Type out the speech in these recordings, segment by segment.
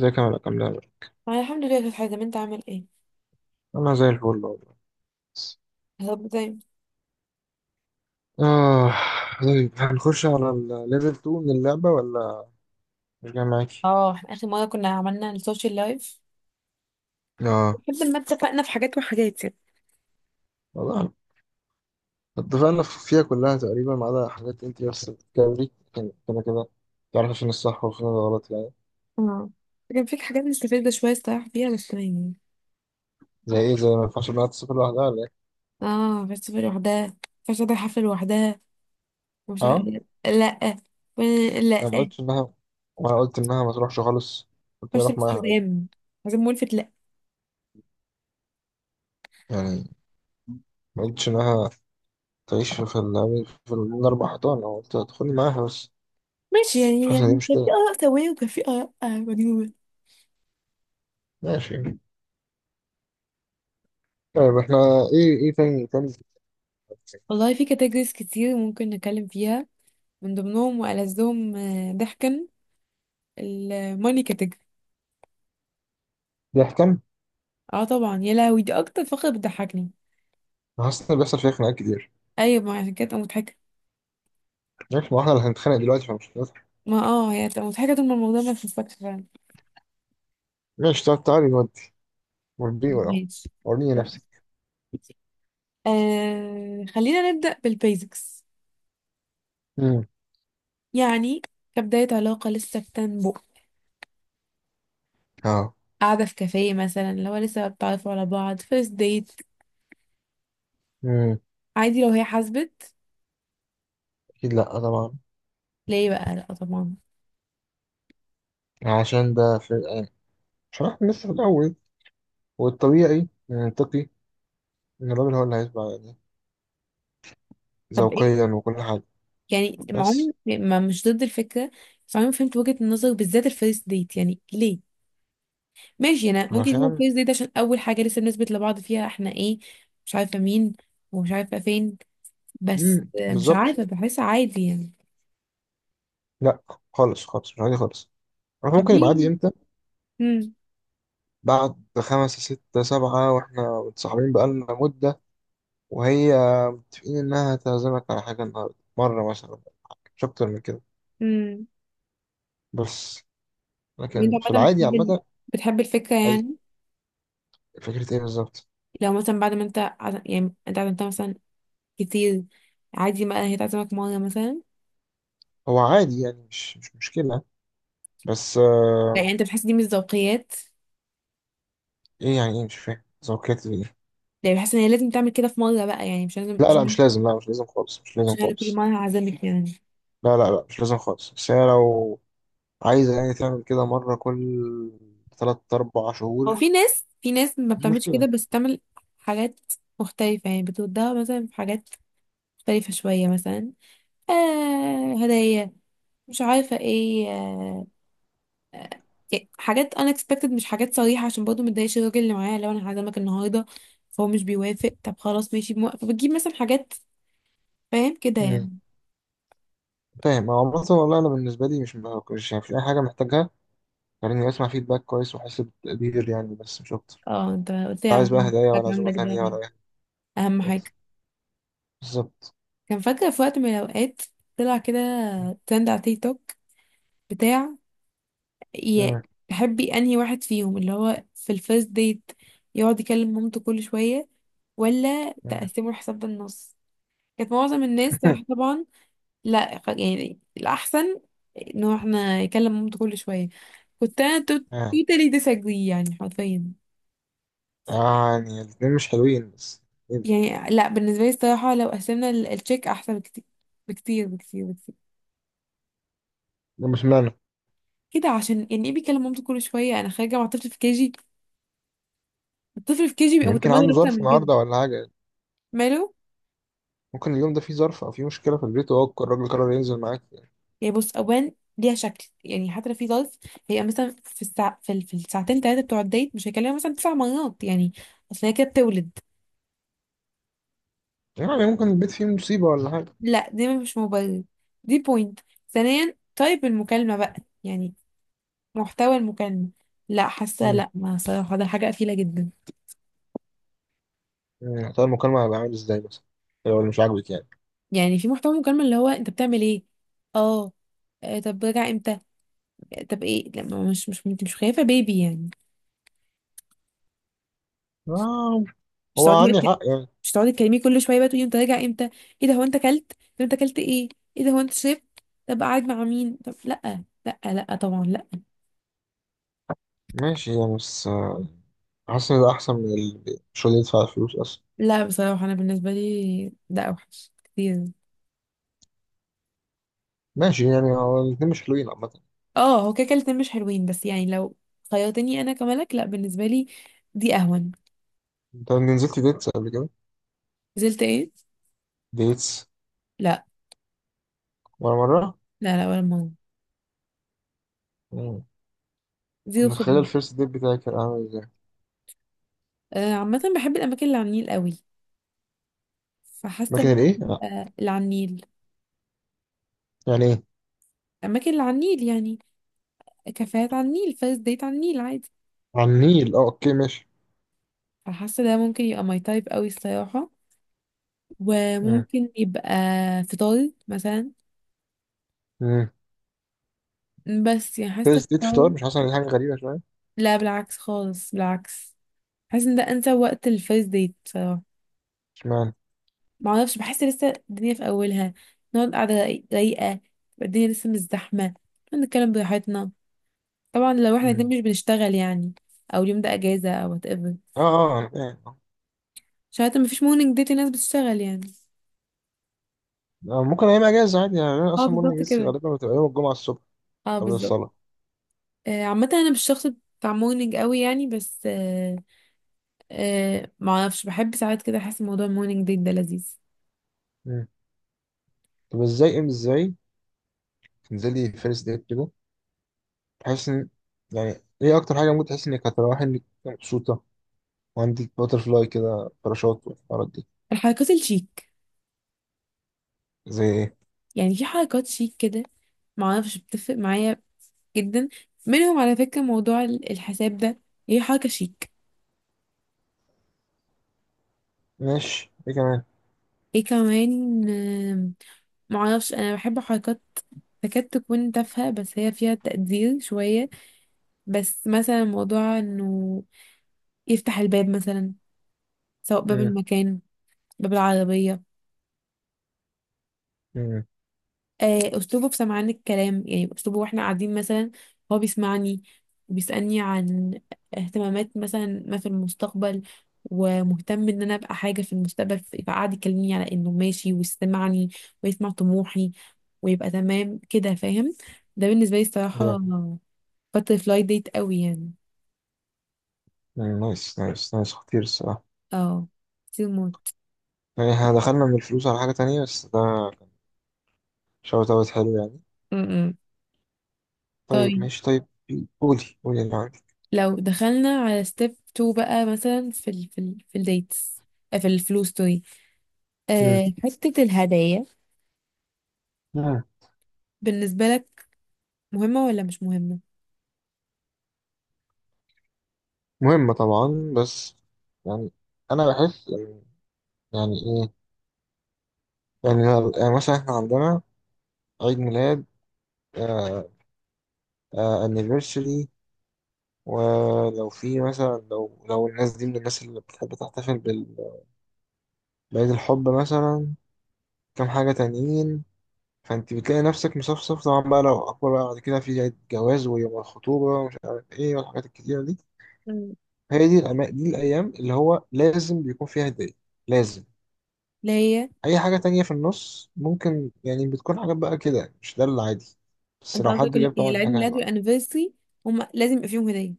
ازيك يا ملك؟ عامل ايه؟ انا الحمد لله كانت حازم، انت عامل ايه؟ انا زي الفل والله. بس طب زي. اه، طيب هنخش على الليفل 2 من اللعبة ولا مش جاي معاكي؟ اه احنا اخر مره كنا عملنا السوشيال لايف اه، لحد ما اتفقنا في حاجات وحاجات يعني. والله اتفقنا فيها كلها تقريبا ما عدا حاجات انت بس بتتكلمي، كان كده كده تعرف فين الصح وفين الغلط يعني. امم كان فيك حاجات مستفزه شويه الصراحه فيها بس يعني. زي ايه؟ زي ما ينفعش انها تسافر لوحدها ولا ايه؟ اه بس في لوحدها، فش ده حفله لوحدها ومش عارف اه. إيه. لا. و- انا ما لا. قلتش انها ما قلت انها ما تروحش خالص، قلت فش اروح بس معاها عادي. حزام، حزام ملفت. لا يعني ما قلتش انها تعيش في الاربع حيطان، أنا قلت هتدخلي معاها بس. ماشي، مش يعني حاسس ان دي يعني كان في مشكلة. اراء سويه وكان في اراء مجنونه. ماشي. طيب احنا ايه، ايه تاني تاني. والله في كاتيجوريز كتير ممكن نتكلم فيها، من ضمنهم والذهم ضحكا الماني category. بيحكم. اه طبعا، يا لهوي دي اكتر فقرة بتضحكني. حاسس ان بيحصل فيها خناقات كتير. ايوه، ما عشان كده تبقى مضحكة. عارف، ما احنا اللي هنتخانق دلوقتي فمش هنضحك. ما اه هي هتبقى مضحكة طول ما الموضوع ما يخصكش فعلا. ماشي. طب تعالي نودي، وريني ولا ماشي. وريني نفسك. آه خلينا نبدأ بالبيزكس امم. يعني، كبداية علاقة لسه بتنبؤ، اه. قاعدة في كافيه مثلا، اللي هو لسه بتعرفوا على بعض فيرست ديت. امم. عادي لو هي حاسبت. اكيد لا، طبعا. ليه بقى لا طبعا؟ عشان ده في الآن، عشان احنا لسه في الاول، والطبيعي المنطقي ان الراجل هو اللي هيتبع يعني، طب ايه ذوقيا وكل حاجه. يعني، مع عمري بس ما مش ضد الفكرة، بس عمري ما فهمت وجهة النظر بالذات الفيرست ديت يعني ليه. ماشي انا ممكن يكون علشان. كويس ديت عشان اول حاجه لسه بنثبت لبعض فيها احنا ايه، مش عارفه مين ومش عارفه فين، بس امم، مش بالظبط. عارفه بحس عادي يعني. لا، خالص خالص مش عادي خالص. عارف كان ممكن في يبقى عادي امتى؟ امم بعد خمسة ستة سبعة واحنا متصاحبين بقالنا مدة، وهي متفقين إنها هتعزمك على حاجة النهاردة مرة مثلا، مش أكتر من كده. امم. بس انت لكن في عامه العادي بتحب عامة. بتحب الفكره أي يعني؟ فكرة إيه بالظبط؟ لو مثلا بعد ما انت يعني انت عزمتها مثلا كتير، عادي بقى هي تعزمك مره مثلا. هو عادي يعني، مش مشكلة، بس لا آه. يعني انت بتحس دي مش ذوقيات؟ إيه يعني؟ إيه مش فاهم ذوقيات إيه؟ يعني بحس ان هي لازم تعمل كده في مره بقى، يعني مش لازم لا لا مش لازم، لا مش لازم خالص، مش مش لازم انا كل خالص. مره هعزمك يعني. لا لا لا مش لازم خالص، بس هي لو عايزة يعني تعمل كده مرة كل تلات أربع هو شهور، في ناس، في ناس ما مش بتعملش كده مشكلة. بس بتعمل حاجات مختلفة، يعني بتودها مثلا في حاجات مختلفة شوية مثلا، آه هدايا مش عارفة ايه آه، يعني حاجات unexpected، مش حاجات صريحة عشان برضه متضايقش الراجل اللي معايا لو انا هعزمك النهاردة فهو مش بيوافق. طب خلاص ماشي، موافق بتجيب مثلا حاجات، فاهم كده مم. يعني؟ فاهم. هو عامة والله أنا بالنسبة لي مش يعني مش أي حاجة محتاجها. يعني اسمع فيدباك كويس، واحس بتقدير يعني، بس مش اكتر. اه انت قلت لي لا، على عايز بقى موضوع هدايا ولا الفاكهة عزومه عندك ده تانية ولا اي حاجه اهم خالص. حاجة. بالظبط. كان فاكرة في وقت من الأوقات طلع كده ترند على تيك توك بتاع ي- مم. تحبي انهي واحد فيهم اللي هو في الفيرست ديت يقعد يكلم مامته كل شوية، ولا مم. تقسموا الحساب بالنص. كانت معظم الناس طبعا. لا يعني الأحسن انه احنا يكلم مامته كل شوية. كنت انا آه. توتالي ديساجري يعني حرفيا. يعني الاثنين مش حلوين، بس ايه ده؟ يعني لا بالنسبة لي الصراحة لو قسمنا التشيك أحسن بكتير بكتير بكتير بكتير ده مش معنى. كده، عشان يعني ايه بيكلم مامته كل شوية؟ أنا خارجة مع طفل في كيجي، الطفل في كيجي بيبقى يمكن متمرد عنده أكتر ظرف من كده. النهارده ولا حاجه. ماله؟ ممكن اليوم ده فيه ظرف او فيه مشكله في البيت، وهو الراجل قرر ينزل معاك يعني. يعني بص اوان ليها شكل، يعني حتى لو في ظرف، هي مثلا في الساعة في الساعتين ثلاثه بتوع الديت، مش هيكلمها مثلا تسع مرات يعني. اصل هي كده بتولد. يعني ممكن البيت فيه مصيبه ولا حاجه. لا دي مش مبرر، دي بوينت. ثانيا طيب المكالمه بقى، يعني محتوى المكالمه، لا حاسه مم. لا ما صراحه ده حاجه قفيله جدا. مم. طب المكالمه هيبقى عامل ازاي مثلا لو اللي مش عاجبك يعني؟ يعني في محتوى المكالمه اللي هو انت بتعمل ايه؟ اه آه، طب راجع امتى؟ آه، طب ايه لما مش انت مش خايفه بيبي يعني؟ آه. مش هو تقعدي عندي بقى، حق يعني. مش تقعدي تكلميه كل شويه بقى تقولي انت راجع امتى؟ ايه ده هو انت اكلت؟ طب انت اكلت ايه؟ ايه ده هو انت شربت؟ طب قاعد مع مين؟ طب لا لا لا طبعا لا. ماشي يعني، بس آه، حاسس ان ده احسن من مش اللي يدفع الفلوس اصلا. لا بصراحه انا بالنسبه لي ده اوحش كتير. ماشي يعني، هو الاتنين مش حلوين عامة. اه هو كده كده الاتنين مش حلوين، بس يعني لو خيرتني انا كملك لا، بالنسبه لي دي اهون. انت نزلت ديتس قبل كده؟ نزلت ايه؟ ديتس؟ لا. ولا مرة؟ لا لا ولا مره، مم. كنت زيرو متخيل خبره. الفيرست ديت بتاعي كان عامل ازاي. آه عامه بحب الاماكن اللي على النيل قوي، فحاسه مكان ممكن الايه؟ لا. تبقى اللي على النيل. يعني ايه؟ الاماكن اللي على النيل يعني كافيهات على النيل، فيرست ديت على النيل عادي. على النيل، اه اوكي ماشي. فحاسة ده ممكن يبقى ماي تايب قوي الصراحة. مم. وممكن يبقى فطار مثلا. مم. بس يعني حاسة فيرست ديت فطار، فطار. مش حاسس ان دي حاجة غريبة شوية؟ لا بالعكس خالص، بالعكس. حاسة ان ده انسب وقت الفيرست ديت بصراحة. اشمعنى؟ معرفش بحس لسه الدنيا في اولها، نقعد قاعدة رايقة، تبقى الدنيا لسه مش زحمة، نتكلم براحتنا. طبعا لو احنا مم. الاتنين مش بنشتغل يعني، او اليوم ده اجازة او whatever. اه اه أنا فاهم. عشان حتى مفيش مورنينج ديت، الناس بتشتغل يعني. آه، ممكن ايام اجازة عادي يعني. انا اه اصلا مورنينج بالظبط لسه كده، غالبا بتبقى يوم الجمعة الصبح اه قبل بالظبط. الصلاة. آه، عامة انا مش شخص بتاع مورنينج قوي يعني، بس آه آه ما اعرفش بحب ساعات كده، احس موضوع المورنينج ديت ده لذيذ. مم. طب ازاي؟ ازاي تنزلي فيرست ديت كده تحس ان، يعني ايه اكتر حاجة ممكن تحس انك هتروحي انك مبسوطة وعندك باترفلاي كده، باراشوت والحوارات دي؟ الحركات الشيك. زي ايه؟ يعني في حركات شيك كده ما اعرفش بتفرق معايا جدا. منهم على فكرة موضوع الحساب ده، هي حركة شيك. ماشي ايه كمان؟ ايه كمان آه ما اعرفش، انا بحب حركات تكاد تكون تافهة بس هي فيها تقدير شوية. بس مثلا موضوع انه يفتح الباب مثلا، سواء باب مم. المكان، باب العربية. مم. آه، اسلوبه في سمعان الكلام يعني، اسلوبه واحنا قاعدين مثلا هو بيسمعني وبيسألني عن اهتمامات مثلا ما في المستقبل، ومهتم ان انا ابقى حاجه في المستقبل، فقعد يكلمني على انه ماشي، ويسمعني ويسمع طموحي ويبقى تمام كده، فاهم؟ ده بالنسبه لي إيه الصراحه ده؟ باتر فلاي ديت قوي يعني. مم. نايس نايس نايس. خطير الصراحة. اه كتير موت. يعني احنا دخلنا من الفلوس على حاجة تانية، بس ده شوت اوت حلو يعني. م- م. طيب طيب ماشي طيب. قولي قولي اللي عندك. لو دخلنا على ستيب 2 بقى، مثلا في ال في ال في الديتس، آه، في الفلوس، مم. آه، حتة الهدايا مم. بالنسبة لك مهمة ولا مش مهمة؟ مهمة طبعا، بس يعني انا بحس يعني ايه يعني، يعني مثلا احنا عندنا عيد ميلاد، آه آه anniversary، ولو في مثلا، لو الناس دي من الناس اللي بتحب تحتفل بعيد الحب مثلا، كام حاجة تانيين. فانت بتلاقي نفسك مصفصف، طبعا بقى لو أكبر بقى بعد كده في عيد جواز ويوم الخطوبة ومش عارف ايه والحاجات الكتيرة دي. مم. دي الأيام اللي هو لازم بيكون فيها هدية، لازم. اللي هي أي حاجة تانية في النص ممكن يعني، بتكون حاجات بقى كده مش ده العادي، بس انت لو حد قصدك جاب يعني طبعا دي العيد حاجة ميلاد حلوة. والانيفرسري هما لازم يبقى فيهم هدية.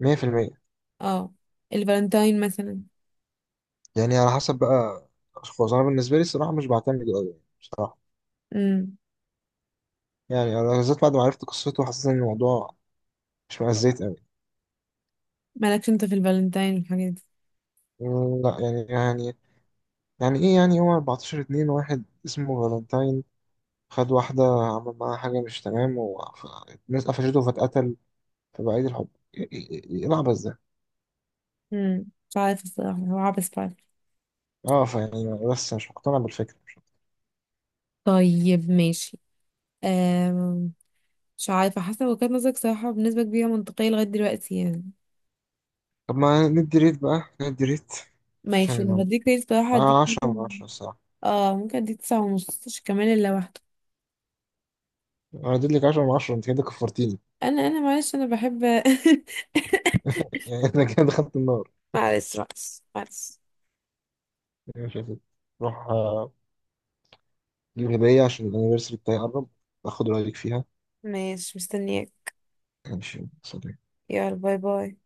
100%. اه الفالنتاين مثلا. يعني على حسب بقى الأشخاص، أنا بالنسبة لي الصراحة مش بعتمد أوي يعني بصراحة. امم يعني أنا بالذات بعد ما عرفت قصته حسيت إن الموضوع مش مأزيت أوي. مالكش انت في الفالنتاين والحاجات دي؟ لا يعني، يعني يعني ايه يعني، هو 14 اتنين واحد اسمه فالنتاين، خد واحدة عمل معاها حاجة مش تمام والناس قفشته فاتقتل، فبقى عيد الحب. إيه العبث ده؟ امم مش عارفة الصراحة، هو عبس فعلا. اه فيعني، بس مش مقتنع بالفكرة طيب ماشي. آم. مش عارفة، حاسة وجهة نظرك صراحة بنسبة كبيرة منطقية لغاية دلوقتي يعني. طب ما ندي ريت بقى، ندي ريت. ماشي لو عشان هديك ريت صراحة هديك آه، 10 من ممكن. 10 الصراحة. اه ممكن اديك 9 ونص عشان كمان اللي لوحده. انا اديت لك 10 من 10، انت كده كفرتيني. انا معلش انا بحب. يعني انا كده دخلت النار. معلش بس معلش. يعني مش عارف. روح آه، جيب هدية عشان الانيفرساري بتاعي قرب، اخد رأيك فيها. ماشي مستنياك. ماشي، سلام. يلا باي باي.